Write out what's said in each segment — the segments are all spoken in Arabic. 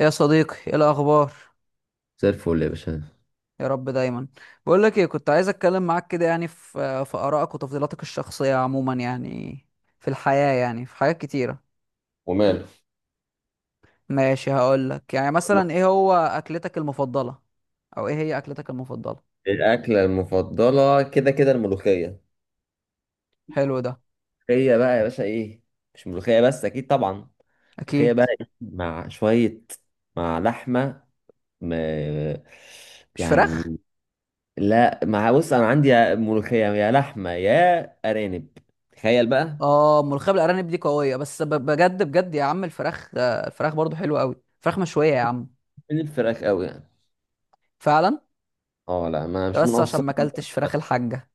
يا صديقي، ايه الاخبار؟ زي الفل يا باشا. يا رب دايما. بقول لك ايه، كنت عايز اتكلم معاك كده يعني في ارائك وتفضيلاتك الشخصيه عموما يعني في الحياه يعني في حاجات كتيره. وماله؟ ماشي، هقول لك يعني مثلا ايه هو اكلتك المفضله او ايه هي اكلتك المفضله؟ الأكلة المفضلة كده كده الملوخية. حلو ده. هي بقى يا باشا إيه؟ مش ملوخية بس، أكيد طبعا. ملوخية اكيد بقى إيه؟ مع شوية، مع لحمة، م... مش فراخ. يعني، لا مع، بص أنا عندي يا ملوخية يا لحمة يا أرانب، تخيل بقى. اه، ملوخيه بالارانب دي قويه بس بجد بجد يا عم. الفراخ برضو حلوه قوي، فراخ مشويه يا عم. من الفراخ أوي يعني. فعلا. أه لا، ما ده مش بس عشان منقصر. ما اكلتش فراخ الحاجه،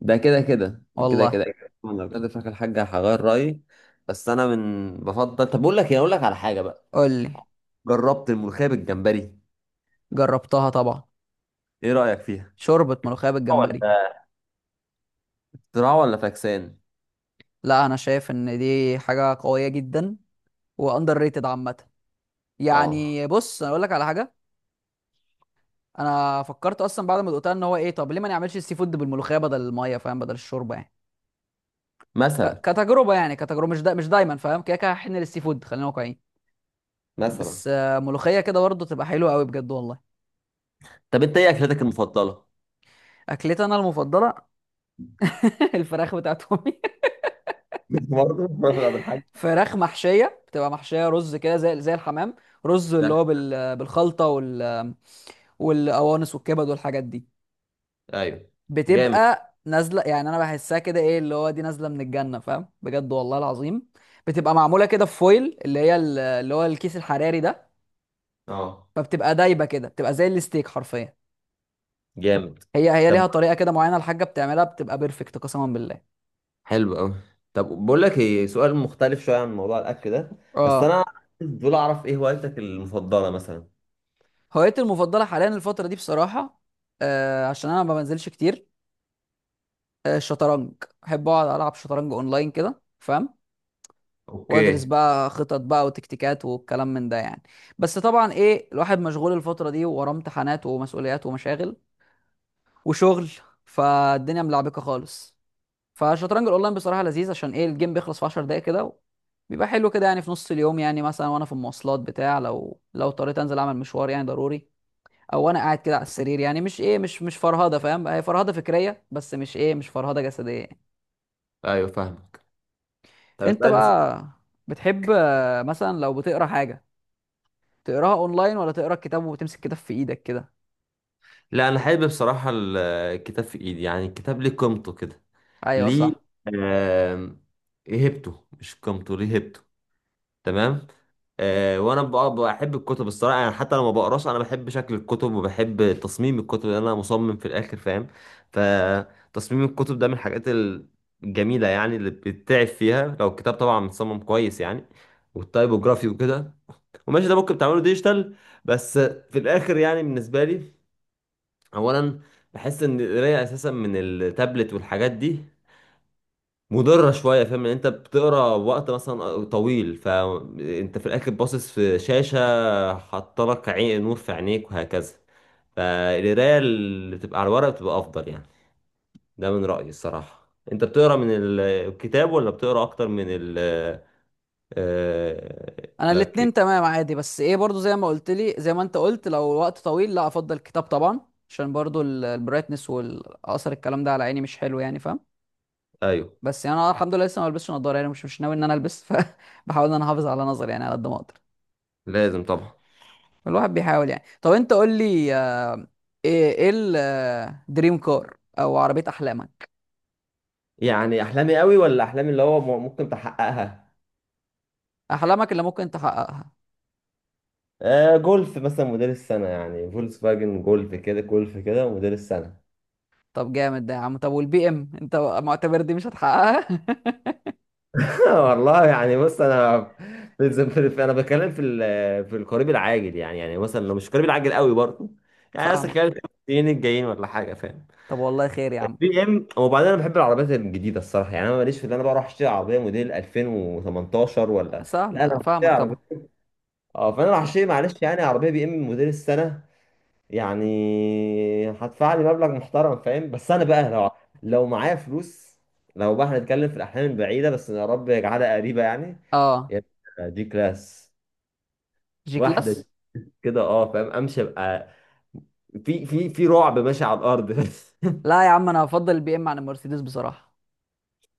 ده كده كده كده كده. والله. أنا لو كنت فاكر الحاجة هغير رأيي. بس أنا من بفضل، طب بقول لك إيه، أقول لك على حاجة بقى. قول لي. جربت الملوخية بالجمبري. جربتها طبعا. ايه رأيك فيها؟ شوربة ملوخية ولا بالجمبري. اختراع ولا فاكسان؟ لا، انا شايف ان دي حاجة قوية جدا، واندر ريتد عامة. اه. يعني بص، انا اقول لك على حاجة. انا فكرت اصلا بعد ما دقتها ان هو ايه، طب ليه ما نعملش السي فود بالملوخية بدل المية، فاهم؟ بدل الشوربة يعني. مثلا. كتجربة، يعني كتجربة، مش دايما فاهم، كده كده هحن للسي فود، خلينا واقعيين. مثلا. بس ملوخية كده برضه تبقى حلوة قوي بجد والله. طب انت ايه اكلتك المفضلة؟ اكلتي انا المفضلة؟ الفراخ بتاعت امي. برضه رفعت عبد الحاج. فراخ محشية بتبقى محشية رز كده، زي الحمام. رز اللي ده، هو بالخلطة والقوانص والكبد والحاجات دي. ايوه. جامد. بتبقى نازله، يعني انا بحسها كده ايه اللي هو دي نازله من الجنه، فاهم؟ بجد والله العظيم. بتبقى معموله كده في فويل، اللي هو الكيس الحراري ده. اه فبتبقى دايبه كده، بتبقى زي الستيك حرفيا. جامد. هي طب ليها طريقه كده معينه، الحاجه بتعملها بتبقى بيرفكت قسما بالله. حلو قوي. طب بقول لك ايه، سؤال مختلف شويه عن موضوع الاكل ده. بس اه. انا دول اعرف ايه هوايتك المفضله مثلا. هوايتي المفضله حاليا الفتره دي بصراحه، عشان انا ما بنزلش كتير، الشطرنج. بحب اقعد العب شطرنج اونلاين كده، فاهم؟ وادرس اوكي. بقى خطط بقى وتكتيكات والكلام من ده يعني. بس طبعا ايه، الواحد مشغول الفترة دي وراه امتحانات ومسؤوليات ومشاغل وشغل. فالدنيا ملعبكة خالص. فالشطرنج الاونلاين بصراحة لذيذ، عشان ايه الجيم بيخلص في 10 دقايق كده. بيبقى حلو كده، يعني في نص اليوم يعني مثلا، وانا في المواصلات بتاع، لو اضطريت انزل اعمل مشوار يعني ضروري. او وانا قاعد كده على السرير، يعني مش ايه مش مش فرهدة، فاهم؟ هي فرهدة فكرية، بس مش فرهدة جسدية يعني. ايوه فاهمك. طب انت اسالني سؤال. بقى بتحب مثلا لو بتقرا حاجة، تقراها اونلاين ولا تقرا الكتاب وتمسك كتاب في ايدك كده؟ لا انا حابب بصراحه الكتاب في ايدي، يعني الكتاب ليه قيمته كده. ايوه ليه؟ صح. آم، ايه هبته، مش قيمته، ليه هبته. تمام. آه، وانا بحب الكتب الصراحه، يعني حتى لما بقراش انا بحب شكل الكتب وبحب تصميم الكتب لان انا مصمم في الاخر فاهم. فتصميم الكتب ده من الحاجات الجميله يعني اللي بتتعب فيها لو الكتاب طبعا متصمم كويس يعني، والتايبوجرافي وكده. وماشي ده ممكن تعمله ديجيتال، بس في الاخر يعني بالنسبه لي، اولا، بحس ان القرايه اساسا من التابلت والحاجات دي مضرة شوية، فاهم؟ ان انت بتقرا وقت مثلا طويل، فانت في الاخر باصص في شاشة، حاطلك عين نور في عينيك وهكذا. فالقراية اللي بتبقى على الورق بتبقى افضل يعني. ده من رأيي الصراحة. انت بتقرا من الكتاب ولا بتقرا اكتر من ال انا الاتنين لك؟ تمام عادي، بس ايه برضو زي ما انت قلت، لو وقت طويل لا، افضل الكتاب طبعا. عشان برضو البرايتنس والاثر، الكلام ده على عيني مش حلو يعني، فاهم؟ ايوه بس يعني انا الحمد لله لسه ما بلبسش نضاره، يعني مش ناوي ان انا البس. فبحاول ان انا احافظ على نظري يعني على قد ما اقدر. لازم طبعا. الواحد بيحاول يعني. طب انت قول لي، ايه الدريم كار او عربيه احلامك؟ يعني احلامي قوي ولا احلامي اللي هو ممكن تحققها؟ احلامك اللي ممكن تحققها. آه، جولف مثلا موديل السنة، يعني فولكس فاجن جولف كده، جولف كده موديل السنة. طب جامد ده يا عم. طب والبي ام انت معتبر دي مش هتحققها؟ والله يعني بص انا في الز- في- في- انا بتكلم في القريب العاجل يعني، يعني مثلا لو مش قريب العاجل قوي برضه، يعني مثلا فاهمك. خلال السنين الجايين ولا حاجه، فاهم؟ طب والله خير يا عم. بي ام، وبعدين انا بحب العربيات الجديده الصراحه. يعني انا ماليش في ان انا بروح اشتري عربيه موديل 2018 ولا، لا انا هشتري فاهمك عربيه. طبعا. اه فانا راح اشتري، معلش يعني، عربيه بي ام موديل السنه، يعني هدفع لي مبلغ محترم فاهم. بس انا بقى لو معايا فلوس، لو بقى هنتكلم في الاحلام البعيده، بس يا رب يجعلها قريبه يعني. اه، يا ابني دي كلاس. جي واحدة دي كلاس. كده اه فاهم، امشي ابقى في رعب ماشي على الارض. لا يا عم، انا هفضل البي ام عن المرسيدس بصراحه.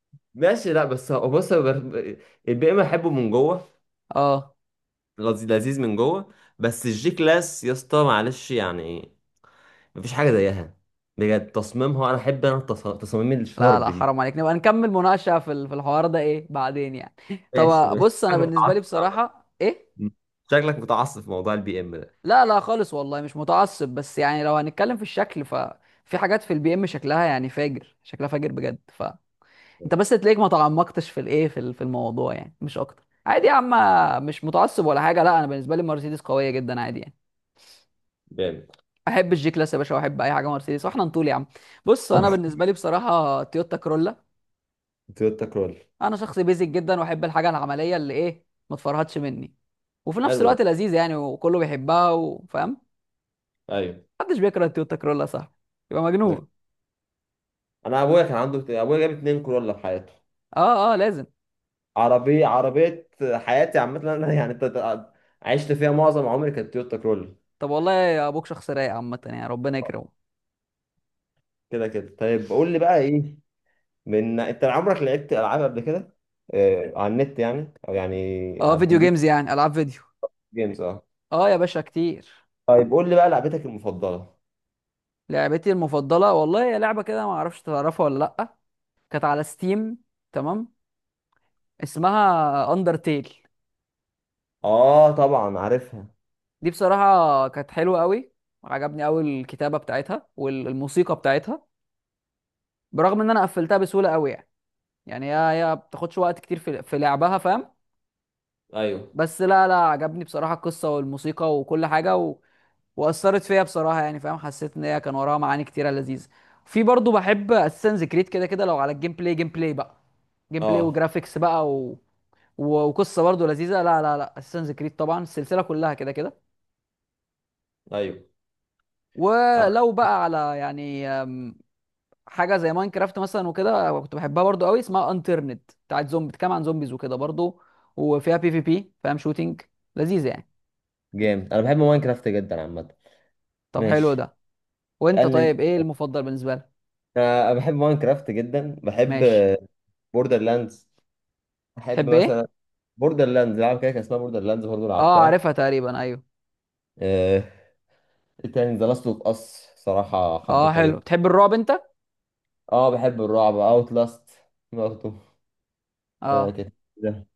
ماشي، لا بس هو بص البي ام احبه من جوه. اه. لذيذ لذيذ من جوه. بس الجي كلاس يا اسطى معلش يعني، مفيش حاجة زيها بجد. تصميمها، انا احب انا تصاميم لا الشارب لا، دي. حرام عليك نبقى نكمل مناقشه في في الحوار ده ايه بعدين يعني. ماشي طب ماشي بص، انا شكلك بالنسبه لي متعصب عامة. بصراحه ايه. شكلك متعصب في موضوع البي ام ده. لا لا خالص والله، مش متعصب، بس يعني لو هنتكلم في الشكل، ففي حاجات في البي ام شكلها يعني فاجر، شكلها فاجر بجد، فانت بس تلاقيك ما تعمقتش في الايه في ال- في الموضوع يعني، مش اكتر عادي يا عم. مش متعصب ولا حاجه. لا، انا بالنسبه لي مرسيدس قويه جدا عادي يعني. جامد. احب الجي كلاس يا باشا، واحب اي حاجه مرسيدس، واحنا نطول يا عم. بص، انا بالنسبه لي بصراحه تويوتا كرولا. تويوتا كرول. انا شخص بيزك جدا، واحب الحاجه العمليه اللي ايه ما تفرهدش مني، وفي نفس حلو ده. الوقت لذيذه يعني، وكله بيحبها وفاهم. ايوه محدش بيكره التويوتا كرولا، صح؟ يبقى ده- مجنون. انا ابويا كان عنده، ابويا جاب اتنين كرولا في حياته. اه اه، لازم. عربية عربية حياتي عامة أنا يعني، عشت فيها معظم عمري كانت تويوتا كرول. طب والله يا ابوك شخص رايق عامه يعني، ربنا يكرمه. كده كده. طيب قول لي بقى إيه، من أنت عمرك لعبت ألعاب قبل كده؟ آه، على النت يعني، أو يعني اه، على فيديو الكمبيوتر، جيمز يعني، العاب فيديو. جيمز؟ أه. اه يا باشا، كتير. طيب قول لي بقى لعبتك المفضلة. لعبتي المفضله والله، هي لعبه كده ما اعرفش تعرفها ولا لا. كانت على ستيم، تمام. اسمها اندرتيل. أه طبعا عارفها. دي بصراحة كانت حلوة قوي. عجبني قوي الكتابة بتاعتها والموسيقى بتاعتها. برغم ان انا قفلتها بسهولة قوي يعني. يعني هي بتاخدش وقت كتير في لعبها، فاهم؟ أيوه. بس لا لا، عجبني بصراحة القصة والموسيقى وكل حاجة وأثرت فيا بصراحة، يعني فاهم، حسيت ان هي كان وراها معاني كتيرة لذيذة. في برضو بحب اساسنز كريد كده كده، لو على الجيم بلاي، جيم بلاي بقى، جيم بلاي أه. وجرافيكس بقى وقصة برضو لذيذة. لا لا لا، اساسنز كريد طبعا السلسلة كلها كده كده. أيوه. آه، ولو بقى على يعني حاجه زي ماينكرافت مثلا وكده، كنت بحبها برضو قوي. اسمها انترنت بتاعت زومبي، بتتكلم عن زومبيز وكده برضو، وفيها بي في بي، فاهم؟ شوتينج، لذيذه يعني. جامد أنا بحب ماينكرافت جدا عامة. طب حلو ماشي. ده. وانت اسألني أنت. طيب ايه المفضل بالنسبه لك؟ أنا بحب ماينكرافت جدا. بحب ماشي. بوردر لاندز. بحب تحب ايه؟ مثلا بوردر لاندز، لعبة كده كان اسمها بوردر لاندز برضه، اه، لعبتها. عارفها تقريبا، ايوه. آه، ايه تاني؟ ذا لاست اوف اس، صراحة اه حبيتها حلو، جدا. تحب الرعب انت؟ اه بحب الرعب، اوت لاست برضه. آه اه. كانت كده.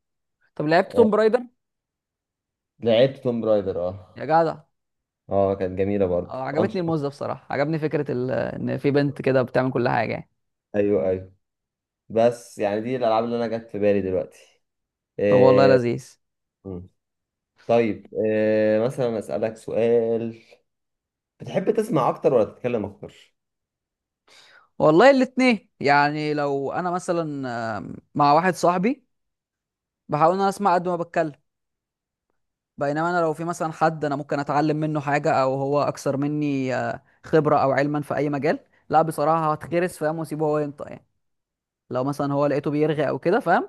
طب لعبت آه، توم رايدر؟ لعبت توم برايدر يا اه. جدع. اه كانت جميلة برضه اه، عجبتني انشطة. الموز ده بصراحه، عجبني فكره ان في بنت كده بتعمل كل حاجه يعني. ايوه ايوه. بس يعني دي الالعاب اللي انا جت في بالي دلوقتي. طب والله آه. لذيذ. مم. طيب، آه مثلا اسألك سؤال، بتحب تسمع اكتر ولا تتكلم اكتر؟ والله الاتنين يعني، لو انا مثلا مع واحد صاحبي، بحاول ان انا اسمع قد ما بتكلم. بينما انا لو في مثلا حد انا ممكن اتعلم منه حاجه، او هو اكثر مني خبره او علما في اي مجال، لا بصراحه هتخرس فاهم، واسيبه هو ينطق يعني. لو مثلا هو لقيته بيرغي او كده، فاهم؟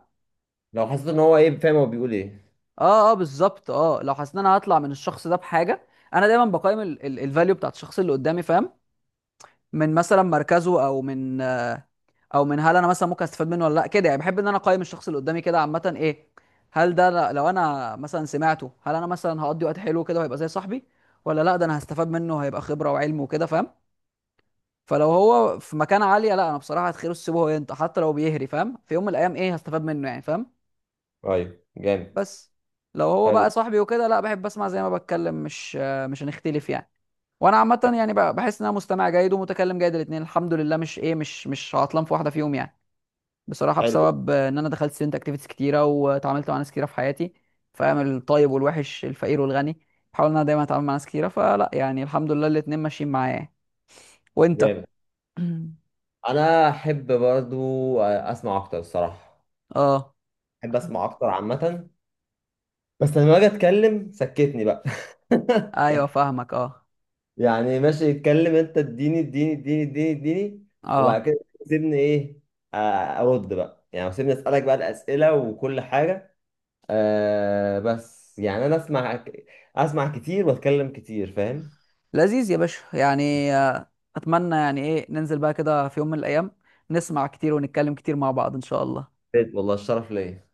لو حسيت ان هو ايه، فاهم؟ هو بيقول ايه. اه اه، بالظبط. اه، لو حسيت ان انا هطلع من الشخص ده بحاجه، انا دايما بقيم الفاليو بتاعت الشخص اللي قدامي، فاهم؟ من مثلا مركزه، او من هل انا مثلا ممكن استفاد منه ولا لا، كده يعني. بحب ان انا اقيم الشخص اللي قدامي كده عامه، ايه، لو انا مثلا سمعته، هل انا مثلا هقضي وقت حلو كده وهيبقى زي صاحبي، ولا لا ده انا هستفاد منه هيبقى خبره وعلم وكده، فاهم؟ فلو هو في مكانه عاليه، لا انا بصراحه هتخيره السيبه هو ينطق، حتى لو بيهري فاهم، في يوم من الايام ايه هستفاد منه يعني، فاهم؟ طيب جامد. بس لو هو حلو. بقى صاحبي وكده، لا بحب اسمع زي ما بتكلم، مش هنختلف يعني. وانا عامه يعني بقى، بحس ان انا مستمع جيد ومتكلم جيد، الاثنين الحمد لله مش ايه مش مش عطلان في واحده فيهم يعني. بصراحة حلو. بسبب ان انا دخلت ستودنت اكتيفيتيز كتيرة، واتعاملت مع ناس كتيرة في حياتي، فاهم الطيب والوحش، الفقير والغني. بحاول ان انا دايما اتعامل مع ناس كتيرة، فلا يعني الحمد لله الاتنين ماشيين معايا يعني. وانت؟ جامد. انا احب برضو اسمع اكتر الصراحه. اه. احب اسمع اكتر عامه. بس لما اجي اتكلم سكتني بقى. ايوه فاهمك، اه. يعني ماشي، اتكلم انت، اديني اديني اديني اديني اديني. وبعد اه كده سيبني ايه، ارد بقى يعني، سيبني اسالك بقى الاسئله وكل حاجه. أه بس يعني انا اسمع، اسمع كتير واتكلم كتير فاهم. لذيذ يا باشا يعني، اتمنى يعني ايه ننزل بقى كده في يوم من الايام، نسمع كتير ونتكلم كتير مع بعض ان شاء الله. والله الشرف ليا.